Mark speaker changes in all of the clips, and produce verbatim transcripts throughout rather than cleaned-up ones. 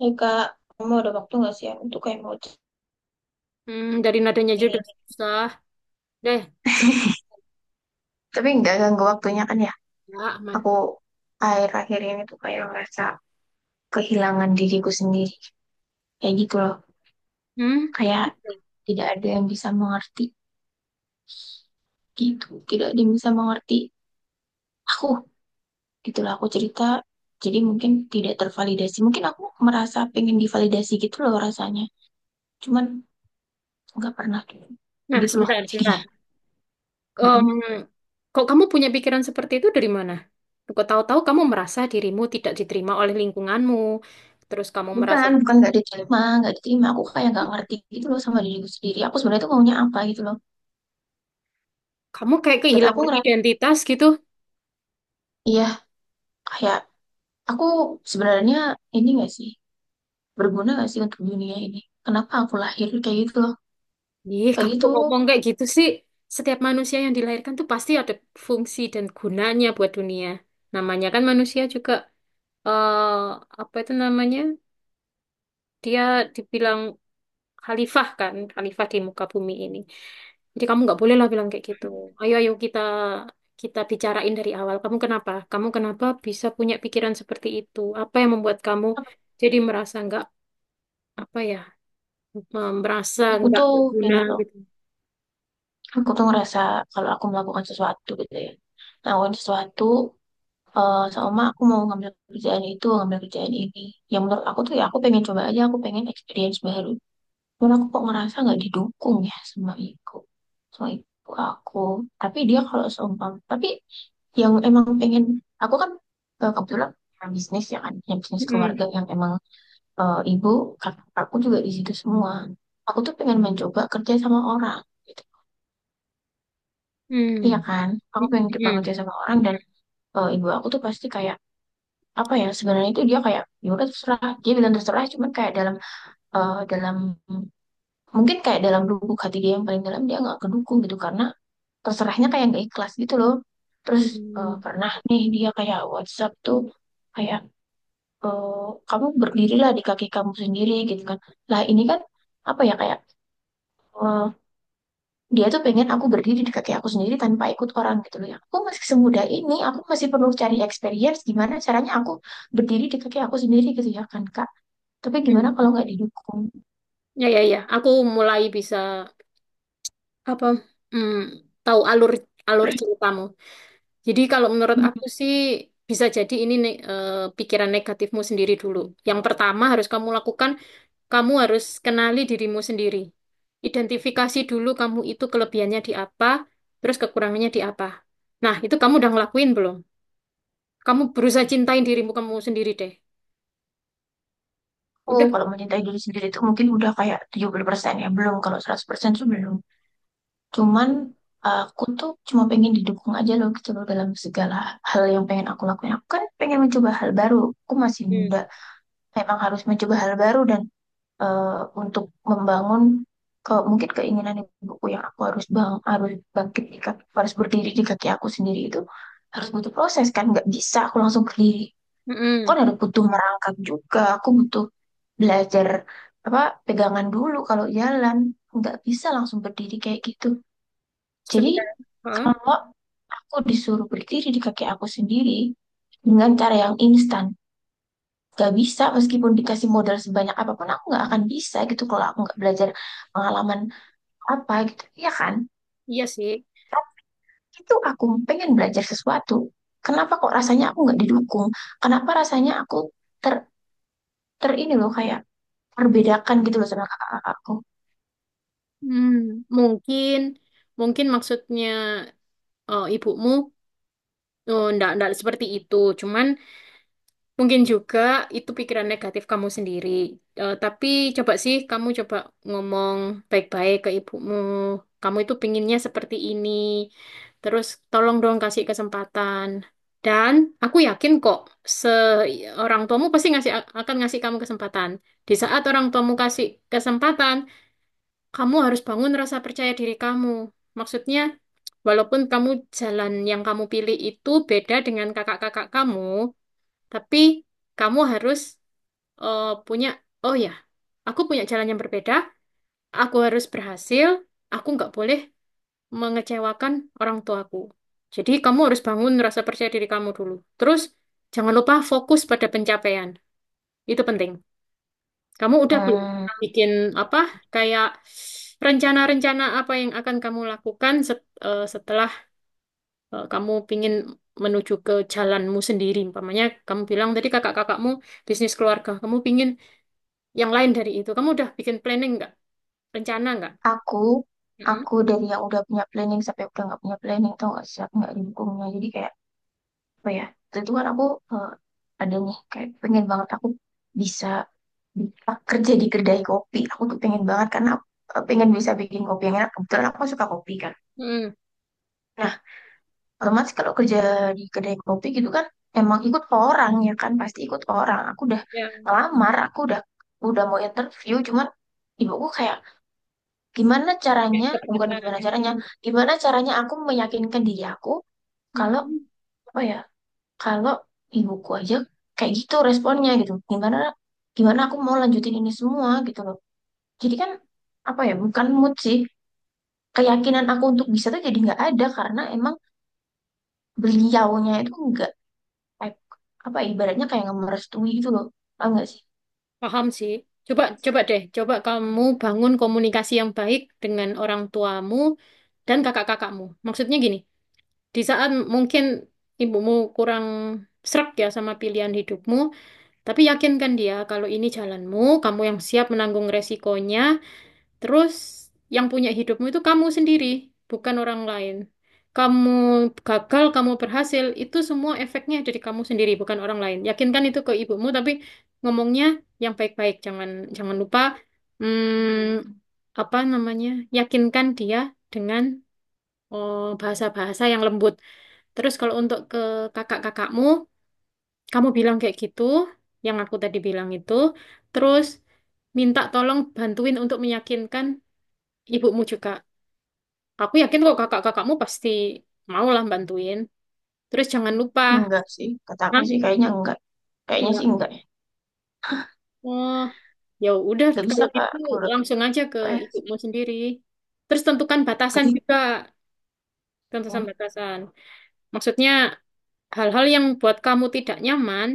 Speaker 1: Hei, Kak, kamu ada waktu nggak sih ya untuk kayak mau
Speaker 2: Hmm, dari nadanya aja udah
Speaker 1: cari?
Speaker 2: susah. Deh,
Speaker 1: Tapi nggak ganggu waktunya kan ya.
Speaker 2: coba aman.
Speaker 1: Aku akhir-akhir ini tuh kayak ngerasa kehilangan diriku sendiri. Kayak gitu loh.
Speaker 2: Hmm?
Speaker 1: Kayak tidak ada yang bisa mengerti gitu. Tidak ada yang bisa mengerti aku. Itulah aku cerita. Jadi mungkin tidak tervalidasi. Mungkin aku merasa pengen divalidasi gitu loh rasanya. Cuman nggak pernah
Speaker 2: Nah,
Speaker 1: gitu loh
Speaker 2: sebentar, sebentar.
Speaker 1: jadinya.
Speaker 2: Em, kok kamu punya pikiran seperti itu dari mana? Kok tahu-tahu kamu merasa dirimu tidak diterima oleh lingkunganmu. Terus kamu merasa
Speaker 1: Bukan, bukan nggak diterima, nggak diterima. Aku kayak nggak ngerti gitu loh sama diriku sendiri. Aku sebenarnya tuh maunya apa gitu loh.
Speaker 2: kamu kayak
Speaker 1: Dan aku
Speaker 2: kehilangan
Speaker 1: ngerasa,
Speaker 2: identitas gitu.
Speaker 1: iya, kayak aku sebenarnya ini nggak sih, berguna nggak sih untuk dunia ini? Kenapa aku lahir kayak gitu loh?
Speaker 2: Ih,
Speaker 1: Kayak
Speaker 2: kamu
Speaker 1: gitu.
Speaker 2: kok ngomong kayak gitu sih. Setiap manusia yang dilahirkan tuh pasti ada fungsi dan gunanya buat dunia. Namanya kan manusia juga eh apa itu namanya? Dia dibilang khalifah kan, khalifah di muka bumi ini. Jadi kamu nggak boleh lah bilang kayak gitu. Ayo ayo kita kita bicarain dari awal. Kamu kenapa? Kamu kenapa bisa punya pikiran seperti itu? Apa yang membuat kamu jadi merasa nggak apa ya, em, merasa
Speaker 1: Aku
Speaker 2: nggak
Speaker 1: tuh
Speaker 2: berguna
Speaker 1: ini loh.
Speaker 2: gitu?
Speaker 1: Aku tuh ngerasa kalau aku melakukan sesuatu gitu ya, melakukan sesuatu, eh sama aku mau ngambil kerjaan itu, ngambil kerjaan ini. Yang menurut aku tuh ya aku pengen coba aja, aku pengen experience baru. Cuman aku kok ngerasa nggak didukung ya sama ibu. Sama ibu aku. Tapi dia kalau seumpam, tapi yang emang pengen, aku kan, eh, kebetulan punya bisnis ya kan, punya bisnis keluarga
Speaker 2: Mm.
Speaker 1: yang emang, eh, ibu, kakak aku juga di situ semua. Aku tuh pengen mencoba kerja sama orang gitu. Iya
Speaker 2: Hmm.
Speaker 1: kan,
Speaker 2: Mm,
Speaker 1: aku
Speaker 2: mm,
Speaker 1: pengen coba kerja
Speaker 2: mm.
Speaker 1: sama orang dan, eh, ibu aku tuh pasti kayak apa ya sebenarnya, itu dia kayak ya udah terserah, dia bilang terserah, cuman kayak dalam, eh, dalam mungkin kayak dalam lubuk hati dia yang paling dalam dia nggak kedukung gitu karena terserahnya kayak nggak ikhlas gitu loh. Terus, eh,
Speaker 2: Mm,
Speaker 1: pernah nih dia kayak WhatsApp tuh kayak, eh, kamu berdirilah di kaki kamu sendiri gitu kan, lah ini kan apa ya kayak, eh, dia tuh pengen aku berdiri di kaki aku sendiri tanpa ikut orang gitu loh. Ya aku masih semudah ini, aku masih perlu cari experience gimana caranya aku berdiri di kaki aku sendiri gitu ya kan, Kak, tapi gimana
Speaker 2: mm.
Speaker 1: kalau nggak didukung?
Speaker 2: Ya ya ya, aku mulai bisa apa? mm, tahu alur alur ceritamu. Jadi kalau menurut aku sih bisa jadi ini ne- eh, pikiran negatifmu sendiri dulu. Yang pertama harus kamu lakukan, kamu harus kenali dirimu sendiri. Identifikasi dulu kamu itu kelebihannya di apa, terus kekurangannya di apa. Nah, itu kamu udah ngelakuin belum? Kamu berusaha cintain dirimu kamu sendiri deh.
Speaker 1: Oh,
Speaker 2: Udah.
Speaker 1: kalau mencintai diri sendiri itu mungkin udah kayak tujuh puluh persen ya. Belum, kalau seratus persen tuh belum. Cuman aku tuh cuma pengen didukung aja loh gitu loh dalam segala hal yang pengen aku lakuin. Aku kan pengen mencoba hal baru. Aku masih muda.
Speaker 2: Hmm.
Speaker 1: Memang harus mencoba hal baru dan, eh, untuk membangun ke mungkin keinginan ibuku yang aku harus bang harus bangkit di kaki, harus berdiri di kaki aku sendiri itu harus butuh proses kan, nggak bisa aku langsung berdiri, kan
Speaker 2: Mm-mm.
Speaker 1: ada butuh merangkak juga, aku butuh belajar apa, pegangan dulu kalau jalan, nggak bisa langsung berdiri kayak gitu. Jadi
Speaker 2: Sebenarnya. Hah?
Speaker 1: kalau aku disuruh berdiri di kaki aku sendiri dengan cara yang instan, nggak bisa. Meskipun dikasih modal sebanyak apapun aku nggak akan bisa gitu kalau aku nggak belajar pengalaman apa gitu ya kan.
Speaker 2: Iya sih.
Speaker 1: Itu aku pengen belajar sesuatu, kenapa kok rasanya aku nggak didukung, kenapa rasanya aku ter ter ini loh, kayak terbedakan gitu loh sama kakak aku.
Speaker 2: Hmm. Mungkin, mungkin maksudnya eh, ibumu. Oh, ndak enggak seperti itu. Cuman mungkin juga itu pikiran negatif kamu sendiri. Eh, tapi coba sih kamu coba ngomong baik-baik ke ibumu. Kamu itu pinginnya seperti ini. Terus tolong dong kasih kesempatan. Dan aku yakin kok se orang tuamu pasti ngasih akan ngasih kamu kesempatan. Di saat orang tuamu kasih kesempatan, kamu harus bangun rasa percaya diri kamu. Maksudnya, walaupun kamu jalan yang kamu pilih itu beda dengan kakak-kakak kamu, tapi kamu harus eh, punya, oh ya, aku punya jalan yang berbeda, aku harus berhasil, aku nggak boleh mengecewakan orang tuaku. Jadi kamu harus bangun rasa percaya diri kamu dulu. Terus jangan lupa fokus pada pencapaian. Itu penting. Kamu udah belum
Speaker 1: Hmm,
Speaker 2: bikin apa kayak rencana-rencana apa yang akan kamu lakukan set- eh, setelah eh, kamu pingin menuju ke jalanmu sendiri. Umpamanya kamu bilang tadi kakak-kakakmu bisnis keluarga, kamu pingin yang lain dari itu. Kamu udah bikin planning nggak? Rencana nggak?
Speaker 1: aku
Speaker 2: Mm-mm.
Speaker 1: aku dari yang udah punya planning sampai udah nggak punya planning, tau gak sih aku nggak didukungnya, jadi kayak apa ya. Waktu itu kan aku, eh, ada nih kayak pengen banget aku bisa, bisa kerja di kedai kopi, aku tuh pengen banget karena aku, eh, pengen bisa bikin kopi yang enak, kebetulan aku suka kopi kan.
Speaker 2: Mm-mm.
Speaker 1: Nah, otomatis kalau kerja di kedai kopi gitu kan emang ikut orang ya kan, pasti ikut orang. Aku udah
Speaker 2: Yang
Speaker 1: ngelamar, aku udah, udah mau interview, cuman ibuku kayak gimana
Speaker 2: kayak
Speaker 1: caranya, bukan
Speaker 2: keberatan.
Speaker 1: gimana caranya, gimana caranya aku meyakinkan diri aku kalau
Speaker 2: Mm-mm.
Speaker 1: apa ya, kalau ibuku aja kayak gitu responnya gitu. Gimana, gimana aku mau lanjutin ini semua gitu loh. Jadi kan apa ya, bukan mood sih. Keyakinan aku untuk bisa tuh jadi nggak ada karena emang beliaunya itu nggak kayak, apa ya, ibaratnya kayak nggak merestui gitu loh. Tahu nggak sih?
Speaker 2: Paham sih. Coba, coba deh. Coba kamu bangun komunikasi yang baik dengan orang tuamu dan kakak-kakakmu. Maksudnya gini, di saat mungkin ibumu kurang srek ya sama pilihan hidupmu, tapi yakinkan dia kalau ini jalanmu, kamu yang siap menanggung resikonya. Terus yang punya hidupmu itu kamu sendiri, bukan orang lain. Kamu gagal, kamu berhasil, itu semua efeknya dari kamu sendiri, bukan orang lain. Yakinkan itu ke ibumu, tapi ngomongnya yang baik-baik. Jangan jangan lupa hmm, apa namanya? Yakinkan dia dengan oh, bahasa-bahasa yang lembut. Terus kalau untuk ke kakak-kakakmu, kamu bilang kayak gitu, yang aku tadi bilang itu. Terus minta tolong bantuin untuk meyakinkan ibumu juga. Aku yakin kok kakak-kakakmu pasti mau lah bantuin. Terus jangan lupa.
Speaker 1: Enggak sih, kata aku
Speaker 2: Hah?
Speaker 1: sih kayaknya enggak. Kayaknya sih
Speaker 2: Enggak.
Speaker 1: enggak ya.
Speaker 2: Oh, ya udah
Speaker 1: Nggak
Speaker 2: kalau
Speaker 1: bisa, Kak,
Speaker 2: gitu
Speaker 1: aku
Speaker 2: langsung aja ke
Speaker 1: apa ya?
Speaker 2: ibumu sendiri. Terus tentukan
Speaker 1: Nggak
Speaker 2: batasan
Speaker 1: bisa.
Speaker 2: juga, tentukan
Speaker 1: Hmm,
Speaker 2: batasan. Maksudnya hal-hal yang buat kamu tidak nyaman,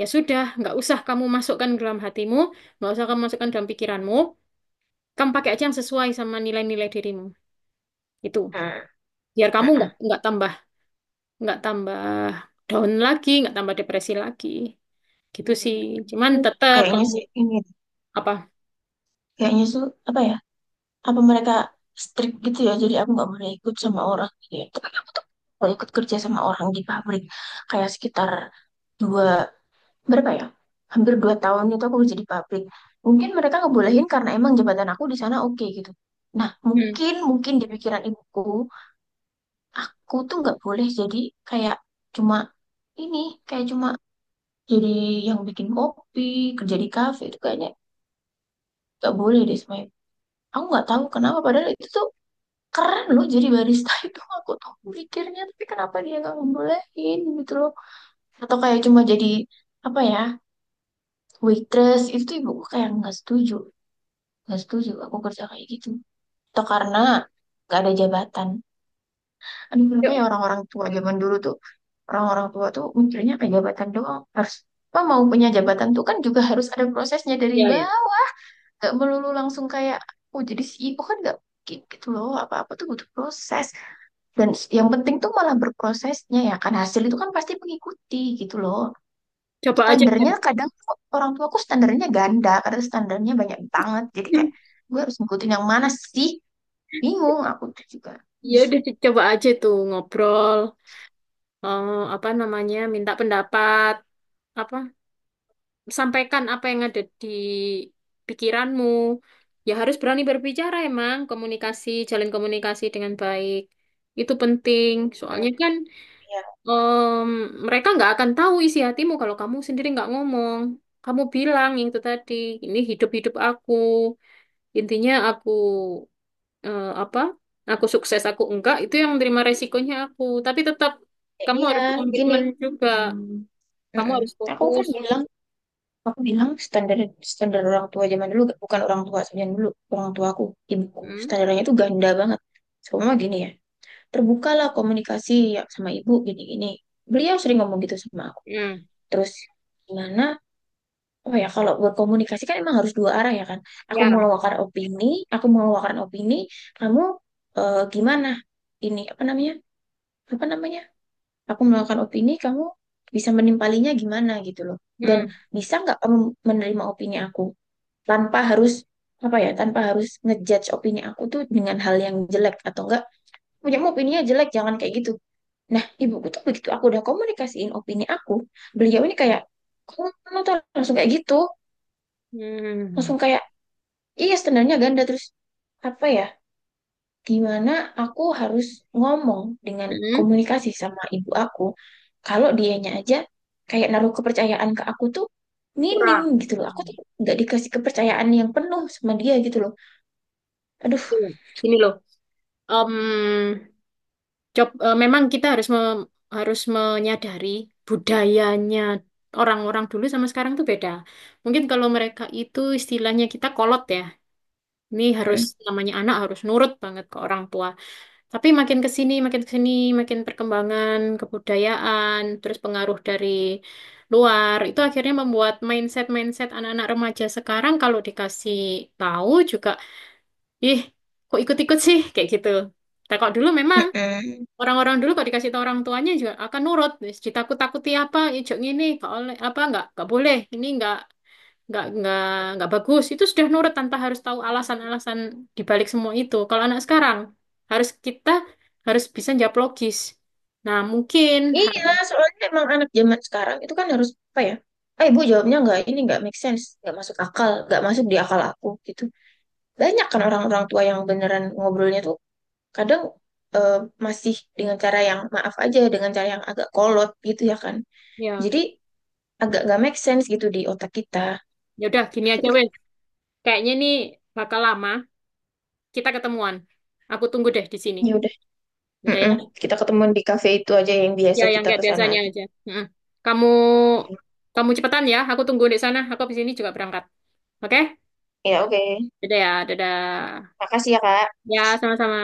Speaker 2: ya sudah, nggak usah kamu masukkan ke dalam hatimu, nggak usah kamu masukkan dalam pikiranmu. Kamu pakai aja yang sesuai sama nilai-nilai dirimu. Itu.
Speaker 1: hmm,
Speaker 2: Biar kamu nggak
Speaker 1: hmm.
Speaker 2: nggak tambah nggak tambah down lagi, nggak tambah depresi lagi. Gitu sih. Cuman tetap
Speaker 1: Kayaknya
Speaker 2: kamu
Speaker 1: sih ini, deh.
Speaker 2: apa?
Speaker 1: Kayaknya tuh apa ya? Apa mereka strict gitu ya? Jadi aku nggak boleh ikut sama orang gitu ya. Tapi aku tuh kalau ikut kerja sama orang di pabrik kayak sekitar dua, berapa ya? Hampir dua tahun itu aku kerja di pabrik. Mungkin mereka ngebolehin karena emang jabatan aku di sana oke gitu. Nah,
Speaker 2: Hmm.
Speaker 1: mungkin mungkin di pikiran ibuku, aku tuh nggak boleh jadi kayak cuma ini, kayak cuma jadi yang bikin kopi, kerja di kafe itu kayaknya nggak boleh deh sama. Aku nggak tahu kenapa, padahal itu tuh keren loh jadi barista itu aku tuh mikirnya, tapi kenapa dia nggak ngebolehin gitu loh. Atau kayak cuma jadi apa ya, waitress, itu tuh ibuku kayak nggak setuju, nggak setuju aku kerja kayak gitu, atau karena nggak ada jabatan. Aduh, kenapa ya
Speaker 2: co-
Speaker 1: orang-orang tua zaman dulu tuh, orang-orang tua tuh mikirnya kayak jabatan doang harus, apa mau punya jabatan tuh kan juga harus ada prosesnya dari
Speaker 2: Ya ya.
Speaker 1: bawah, nggak melulu langsung kayak oh jadi C E O, kan nggak mungkin gitu loh, apa-apa tuh butuh proses. Dan s- yang penting tuh malah berprosesnya ya kan, hasil itu kan pasti mengikuti gitu loh.
Speaker 2: Coba aja
Speaker 1: Standarnya
Speaker 2: deh.
Speaker 1: kadang tuh orang tuaku, standarnya ganda karena standarnya banyak banget. Jadi kayak
Speaker 2: Hmm.
Speaker 1: gue harus ngikutin yang mana sih? Bingung aku tuh juga.
Speaker 2: Ya
Speaker 1: Ih.
Speaker 2: udah di- coba aja tuh ngobrol, eh, apa namanya? Minta pendapat apa? Sampaikan apa yang ada di pikiranmu. Ya harus berani berbicara emang komunikasi, jalin komunikasi dengan baik. Itu penting. Soalnya
Speaker 1: Mm.
Speaker 2: kan
Speaker 1: Iya.
Speaker 2: em, mereka nggak akan tahu isi hatimu kalau kamu sendiri nggak ngomong. Kamu bilang yang itu tadi, ini hidup-hidup aku. Intinya aku eh, apa? Aku sukses, aku enggak, itu yang menerima resikonya aku. Tapi tetap
Speaker 1: Ya,
Speaker 2: kamu harus
Speaker 1: iya,
Speaker 2: komitmen
Speaker 1: gini.
Speaker 2: juga. Kamu
Speaker 1: Mm-mm.
Speaker 2: harus
Speaker 1: Aku kan
Speaker 2: fokus.
Speaker 1: bilang, aku bilang standar, standar orang tua zaman dulu, bukan orang tua zaman dulu, orang tuaku, ibuku.
Speaker 2: Hmm?
Speaker 1: Standarnya itu ganda banget. Semua gini ya. Terbukalah komunikasi ya sama ibu gini-gini. Beliau sering ngomong gitu sama aku.
Speaker 2: Hmm.
Speaker 1: Terus gimana? Oh ya, kalau berkomunikasi kan emang harus dua arah ya kan. Aku
Speaker 2: Ya.
Speaker 1: mengeluarkan opini, aku mengeluarkan opini, kamu, eh, gimana? Ini apa namanya? Apa namanya? Aku mengeluarkan opini, kamu bisa menimpalinya gimana gitu loh. Dan
Speaker 2: Hmm.
Speaker 1: bisa nggak kamu menerima opini aku tanpa harus apa ya? Tanpa harus ngejudge opini aku tuh dengan hal yang jelek atau enggak? Punya opininya jelek, jangan kayak gitu. Nah, ibuku tuh begitu aku udah komunikasiin opini aku, beliau ini kayak, kamu kamu tuh langsung kayak gitu,
Speaker 2: Hmm.
Speaker 1: langsung kayak, iya standarnya ganda. Terus apa ya, gimana aku harus ngomong dengan
Speaker 2: Hmm.
Speaker 1: komunikasi sama ibu aku, kalau dianya aja kayak naruh kepercayaan ke aku tuh minim
Speaker 2: Kurang.
Speaker 1: gitu loh, aku tuh
Speaker 2: Hmm.
Speaker 1: nggak dikasih kepercayaan yang penuh sama dia gitu loh, aduh.
Speaker 2: Gini loh. Em, cob, eh, Memang kita harus mem- harus menyadari budayanya orang-orang dulu sama sekarang tuh beda. Mungkin kalau mereka itu istilahnya kita kolot ya. Ini harus
Speaker 1: Mm,
Speaker 2: namanya anak harus nurut banget ke orang tua. Tapi makin ke sini, makin ke sini, makin perkembangan kebudayaan, terus pengaruh dari luar, itu akhirnya membuat mindset-mindset anak-anak remaja sekarang kalau dikasih tahu juga, ih, kok ikut-ikut sih kayak gitu. Nah, kalau dulu
Speaker 1: mm,
Speaker 2: memang
Speaker 1: mm.
Speaker 2: orang-orang dulu kalau dikasih tahu orang tuanya juga akan nurut. Terus ditakut-takuti apa, ijuk ini, nggak oleh apa nggak, nggak boleh, ini nggak nggak nggak nggak bagus, itu sudah nurut tanpa harus tahu alasan-alasan dibalik semua itu. Kalau anak sekarang harus kita harus bisa jawab logis. Nah, mungkin
Speaker 1: Iya,
Speaker 2: har-
Speaker 1: soalnya emang anak zaman sekarang itu kan harus apa ya? Eh, Bu, jawabnya nggak, ini nggak make sense, nggak masuk akal, nggak masuk di akal aku gitu. Banyak kan orang-orang tua yang beneran ngobrolnya tuh kadang, eh, masih dengan cara yang maaf aja, dengan cara yang agak kolot gitu ya kan.
Speaker 2: ya
Speaker 1: Jadi agak nggak make sense gitu di otak kita.
Speaker 2: ya udah gini aja wes,
Speaker 1: Aduh,
Speaker 2: kayaknya ini bakal lama kita ketemuan, aku tunggu deh di sini.
Speaker 1: ya udah.
Speaker 2: Ya udah ya,
Speaker 1: Mm-mm. Kita ketemuan di cafe itu aja yang biasa,
Speaker 2: ya yang
Speaker 1: kita ke
Speaker 2: kayak
Speaker 1: sana
Speaker 2: biasanya
Speaker 1: aja.
Speaker 2: aja. Mm-mm. kamu kamu cepetan ya, aku tunggu di sana, aku di sini juga berangkat. Oke.
Speaker 1: Ya, oke.
Speaker 2: Dadah ya, dadah.
Speaker 1: Makasih ya, Kak.
Speaker 2: Ya, sama-sama.